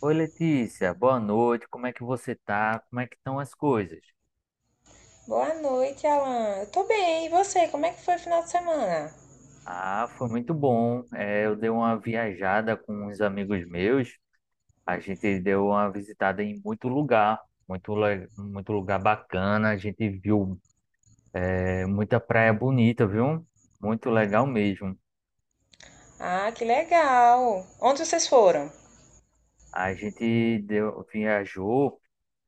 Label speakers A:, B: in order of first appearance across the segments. A: Oi, Letícia, boa noite. Como é que você tá? Como é que estão as coisas?
B: Boa noite, Alan. Eu tô bem. E você? Como é que foi o final de semana?
A: Ah, foi muito bom. É, eu dei uma viajada com uns amigos meus. A gente deu uma visitada em muito lugar, muito, muito lugar bacana. A gente viu, muita praia bonita, viu? Muito legal mesmo.
B: Ah, que legal. Onde vocês foram?
A: A gente deu, viajou,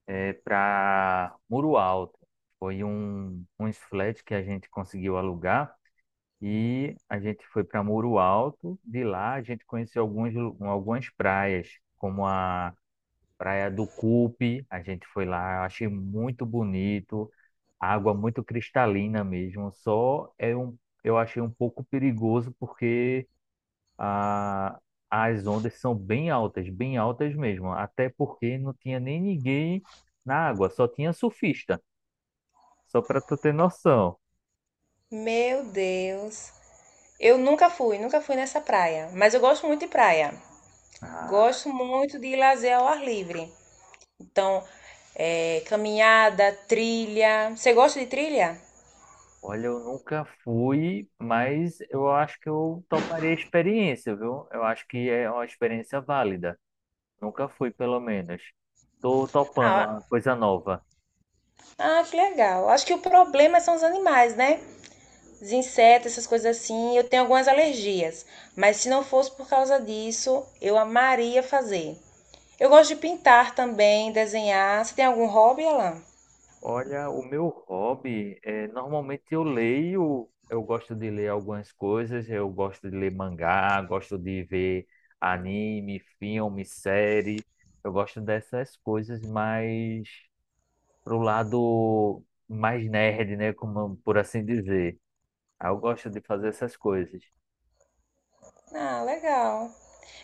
A: para Muro Alto. Foi uns flats que a gente conseguiu alugar. E a gente foi para Muro Alto. De lá a gente conheceu alguns, algumas praias, como a Praia do Cupe. A gente foi lá, eu achei muito bonito, água muito cristalina mesmo. Só é um, eu achei um pouco perigoso porque a, as ondas são bem altas mesmo. Até porque não tinha nem ninguém na água, só tinha surfista. Só para tu ter noção.
B: Meu Deus. Eu nunca fui, nunca fui nessa praia, mas eu gosto muito de praia.
A: Ah,
B: Gosto muito de lazer ao ar livre. Então, caminhada, trilha. Você gosta de trilha?
A: olha, eu nunca fui, mas eu acho que eu toparia a experiência, viu? Eu acho que é uma experiência válida. Nunca fui, pelo menos. Tô topando
B: Ah,
A: uma coisa nova.
B: ah, que legal. Acho que o problema são os animais, né? Os insetos, essas coisas assim, eu tenho algumas alergias, mas se não fosse por causa disso, eu amaria fazer. Eu gosto de pintar também, desenhar. Você tem algum hobby, Alan?
A: Olha, o meu hobby é normalmente eu leio, eu gosto de ler algumas coisas, eu gosto de ler mangá, gosto de ver anime, filme, série. Eu gosto dessas coisas mais pro lado mais nerd, né, como por assim dizer. Aí eu gosto de fazer essas coisas.
B: Ah, legal.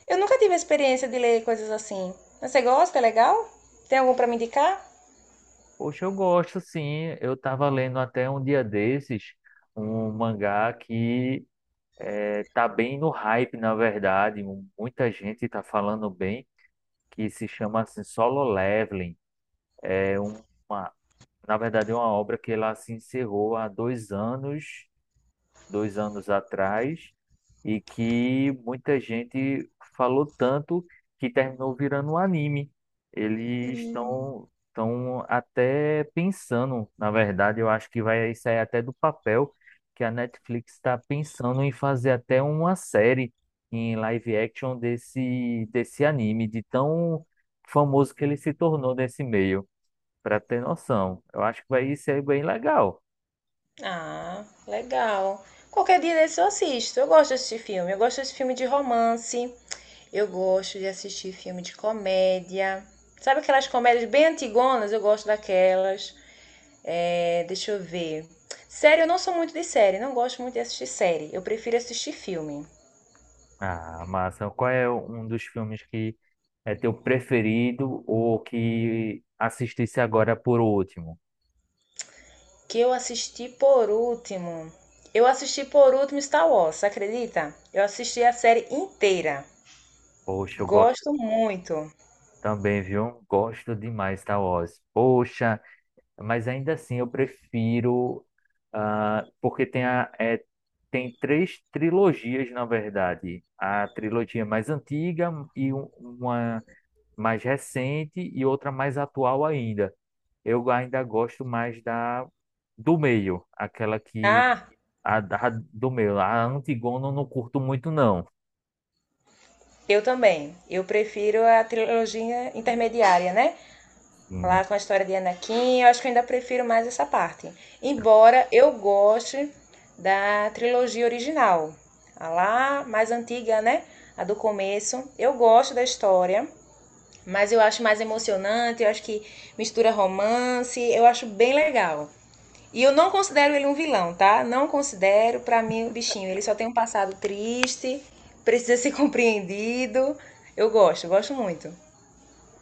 B: Eu nunca tive a experiência de ler coisas assim. Mas você gosta? É legal? Tem algum para me indicar?
A: Poxa, eu gosto sim. Eu estava lendo até um dia desses um mangá que tá bem no hype, na verdade. Muita gente está falando bem, que se chama assim, Solo Leveling. É uma, na verdade, é uma obra que ela se encerrou há 2 anos atrás, e que muita gente falou tanto que terminou virando um anime. Eles estão até pensando, na verdade, eu acho que vai sair até do papel, que a Netflix está pensando em fazer até uma série em live action desse anime, de tão famoso que ele se tornou nesse meio, para ter noção. Eu acho que vai ser bem legal.
B: Ah, legal. Qualquer dia desse eu assisto. Eu gosto desse filme. Eu gosto desse filme de romance. Eu gosto de assistir filme de comédia. Sabe aquelas comédias bem antigonas? Eu gosto daquelas. É, deixa eu ver. Série, eu não sou muito de série, não gosto muito de assistir série. Eu prefiro assistir filme.
A: Ah, massa. Qual é um dos filmes que é teu preferido ou que assistisse agora por último?
B: Que eu assisti por último. Eu assisti por último Star Wars, acredita? Eu assisti a série inteira.
A: Poxa, eu gosto
B: Gosto muito.
A: também, viu? Gosto demais Star Wars. Poxa, mas ainda assim eu prefiro, ah, porque tem tem 3 trilogias, na verdade. A trilogia mais antiga e uma mais recente e outra mais atual ainda. Eu ainda gosto mais da do meio, aquela que
B: Ah,
A: do meio, a Antigona eu não curto muito não.
B: eu também. Eu prefiro a trilogia intermediária, né? Lá
A: Hum,
B: com a história de Anakin, eu acho que eu ainda prefiro mais essa parte. Embora eu goste da trilogia original, a lá mais antiga, né? A do começo. Eu gosto da história, mas eu acho mais emocionante, eu acho que mistura romance, eu acho bem legal. E eu não considero ele um vilão, tá? Não considero, para mim, o bichinho. Ele só tem um passado triste, precisa ser compreendido. Eu gosto, gosto muito.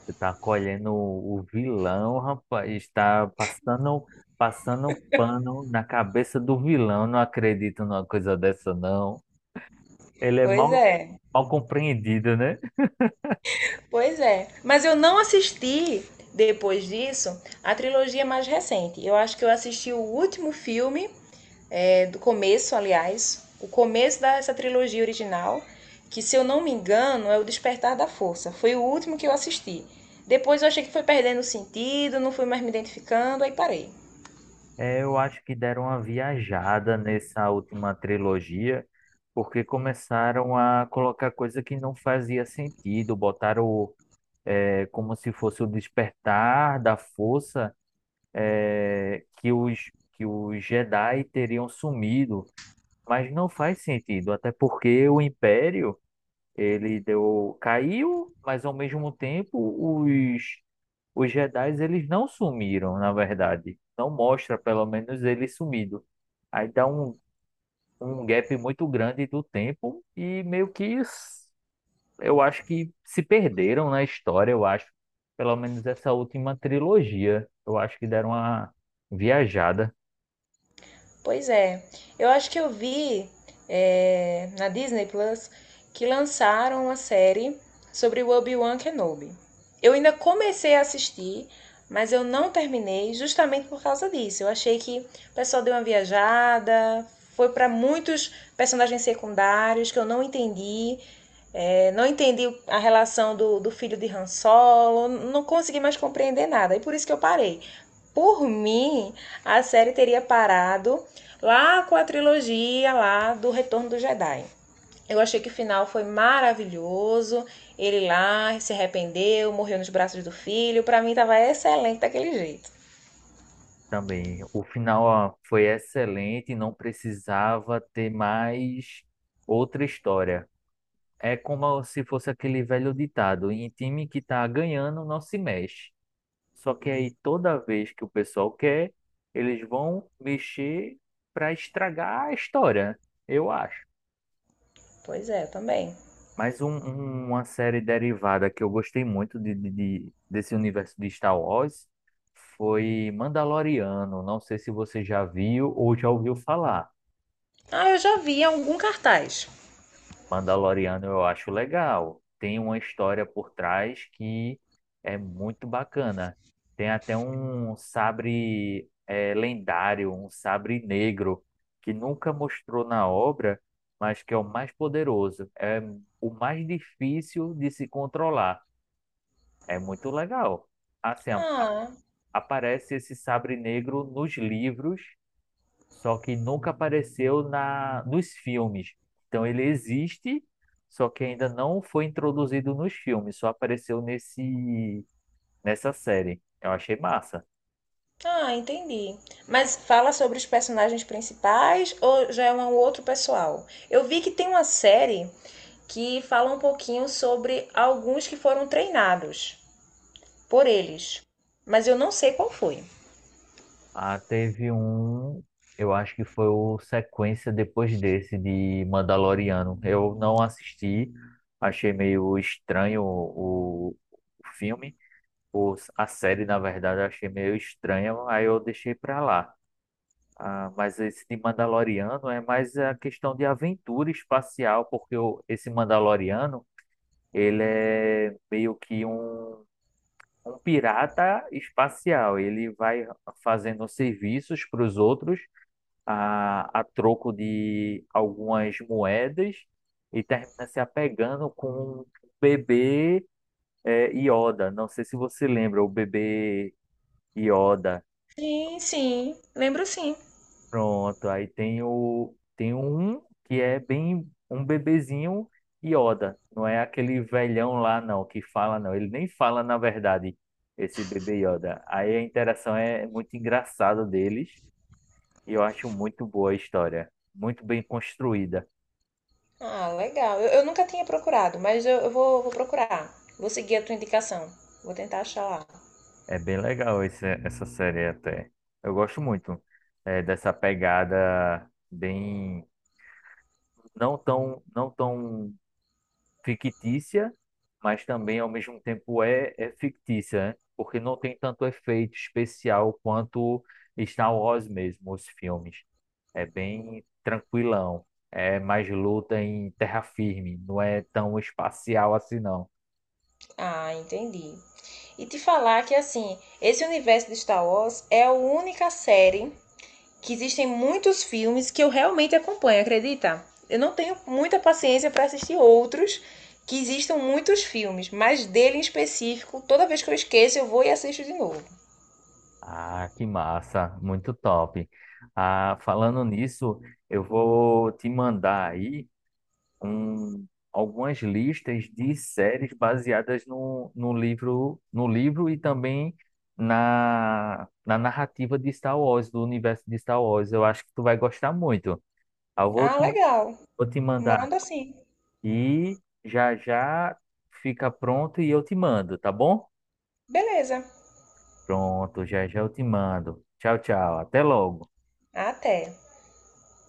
A: você tá colhendo o vilão, rapaz, está passando pano na cabeça do vilão. Não acredito numa coisa dessa não. Ele é
B: Pois é.
A: mal compreendido, né?
B: Pois é. Mas eu não assisti, depois disso, a trilogia mais recente. Eu acho que eu assisti o último filme, do começo, aliás, o começo dessa trilogia original, que se eu não me engano é o Despertar da Força. Foi o último que eu assisti. Depois eu achei que foi perdendo sentido, não fui mais me identificando, aí parei.
A: É, eu acho que deram uma viajada nessa última trilogia. Porque começaram a colocar coisa que não fazia sentido, botaram é como se fosse o despertar da força que os Jedi teriam sumido, mas não faz sentido, até porque o Império ele deu caiu, mas ao mesmo tempo os os Jedi eles não sumiram, na verdade, não mostra pelo menos eles sumido. Aí dá um gap muito grande do tempo e meio que eu acho que se perderam na história, eu acho, pelo menos essa última trilogia, eu acho que deram uma viajada
B: Pois é. Eu acho que eu vi, na Disney Plus, que lançaram uma série sobre o Obi-Wan Kenobi. Eu ainda comecei a assistir, mas eu não terminei justamente por causa disso. Eu achei que o pessoal deu uma viajada, foi para muitos personagens secundários que eu não entendi. Não entendi a relação do, do filho de Han Solo, não consegui mais compreender nada. E por isso que eu parei. Por mim, a série teria parado lá com a trilogia lá do Retorno do Jedi. Eu achei que o final foi maravilhoso. Ele lá se arrependeu, morreu nos braços do filho. Para mim tava excelente daquele jeito.
A: também. O final, ó, foi excelente, não precisava ter mais outra história. É como se fosse aquele velho ditado, em time que tá ganhando não se mexe. Só que aí toda vez que o pessoal quer, eles vão mexer para estragar a história, eu acho.
B: Pois é, também.
A: Mas uma série derivada que eu gostei muito desse universo de Star Wars foi Mandaloriano. Não sei se você já viu ou já ouviu falar.
B: Ah, eu já vi algum cartaz.
A: Mandaloriano eu acho legal. Tem uma história por trás que é muito bacana. Tem até um sabre lendário, um sabre negro, que nunca mostrou na obra, mas que é o mais poderoso. É o mais difícil de se controlar. É muito legal. Assim,
B: Ah,
A: aparece esse sabre negro nos livros, só que nunca apareceu na nos filmes. Então ele existe, só que ainda não foi introduzido nos filmes, só apareceu nesse nessa série. Eu achei massa.
B: ah, entendi. Mas fala sobre os personagens principais ou já é um outro pessoal? Eu vi que tem uma série que fala um pouquinho sobre alguns que foram treinados por eles, mas eu não sei qual foi.
A: Ah, eu acho que foi o sequência depois desse de Mandaloriano. Eu não assisti, achei meio estranho o filme os a série, na verdade, eu achei meio estranha, aí eu deixei pra lá. Ah, mas esse de Mandaloriano é mais a questão de aventura espacial, porque esse Mandaloriano, ele é meio que um pirata espacial. Ele vai fazendo serviços para os outros a troco de algumas moedas e termina se apegando com um bebê Yoda. Não sei se você lembra, o bebê Yoda.
B: Sim, sim, lembro sim.
A: Pronto, aí tem o tem um que é bem um bebezinho Yoda, não é aquele velhão lá não que fala não, ele nem fala na verdade esse bebê Yoda. Aí a interação é muito engraçada deles e eu acho muito boa a história, muito bem construída.
B: Ah, legal. Eu nunca tinha procurado, mas eu vou, vou procurar. Vou seguir a tua indicação. Vou tentar achar lá.
A: É bem legal essa série até. Eu gosto muito dessa pegada bem não tão fictícia, mas também ao mesmo tempo é fictícia, né? Porque não tem tanto efeito especial quanto Star Wars mesmo, os filmes. É bem tranquilão, é mais luta em terra firme, não é tão espacial assim não.
B: Ah, entendi. E te falar que, assim, esse universo de Star Wars é a única série que existem muitos filmes que eu realmente acompanho, acredita? Eu não tenho muita paciência para assistir outros que existam muitos filmes, mas dele em específico, toda vez que eu esqueço, eu vou e assisto de novo.
A: Ah, que massa, muito top. Ah, falando nisso, eu vou te mandar aí um, algumas listas de séries baseadas no livro, no livro e também na narrativa de Star Wars, do universo de Star Wars. Eu acho que tu vai gostar muito. Ah,
B: Ah, legal.
A: vou te mandar
B: Manda assim.
A: aqui, já já fica pronto e eu te mando, tá bom?
B: Beleza.
A: Pronto, já já eu te mando. Tchau, tchau. Até logo.
B: Até.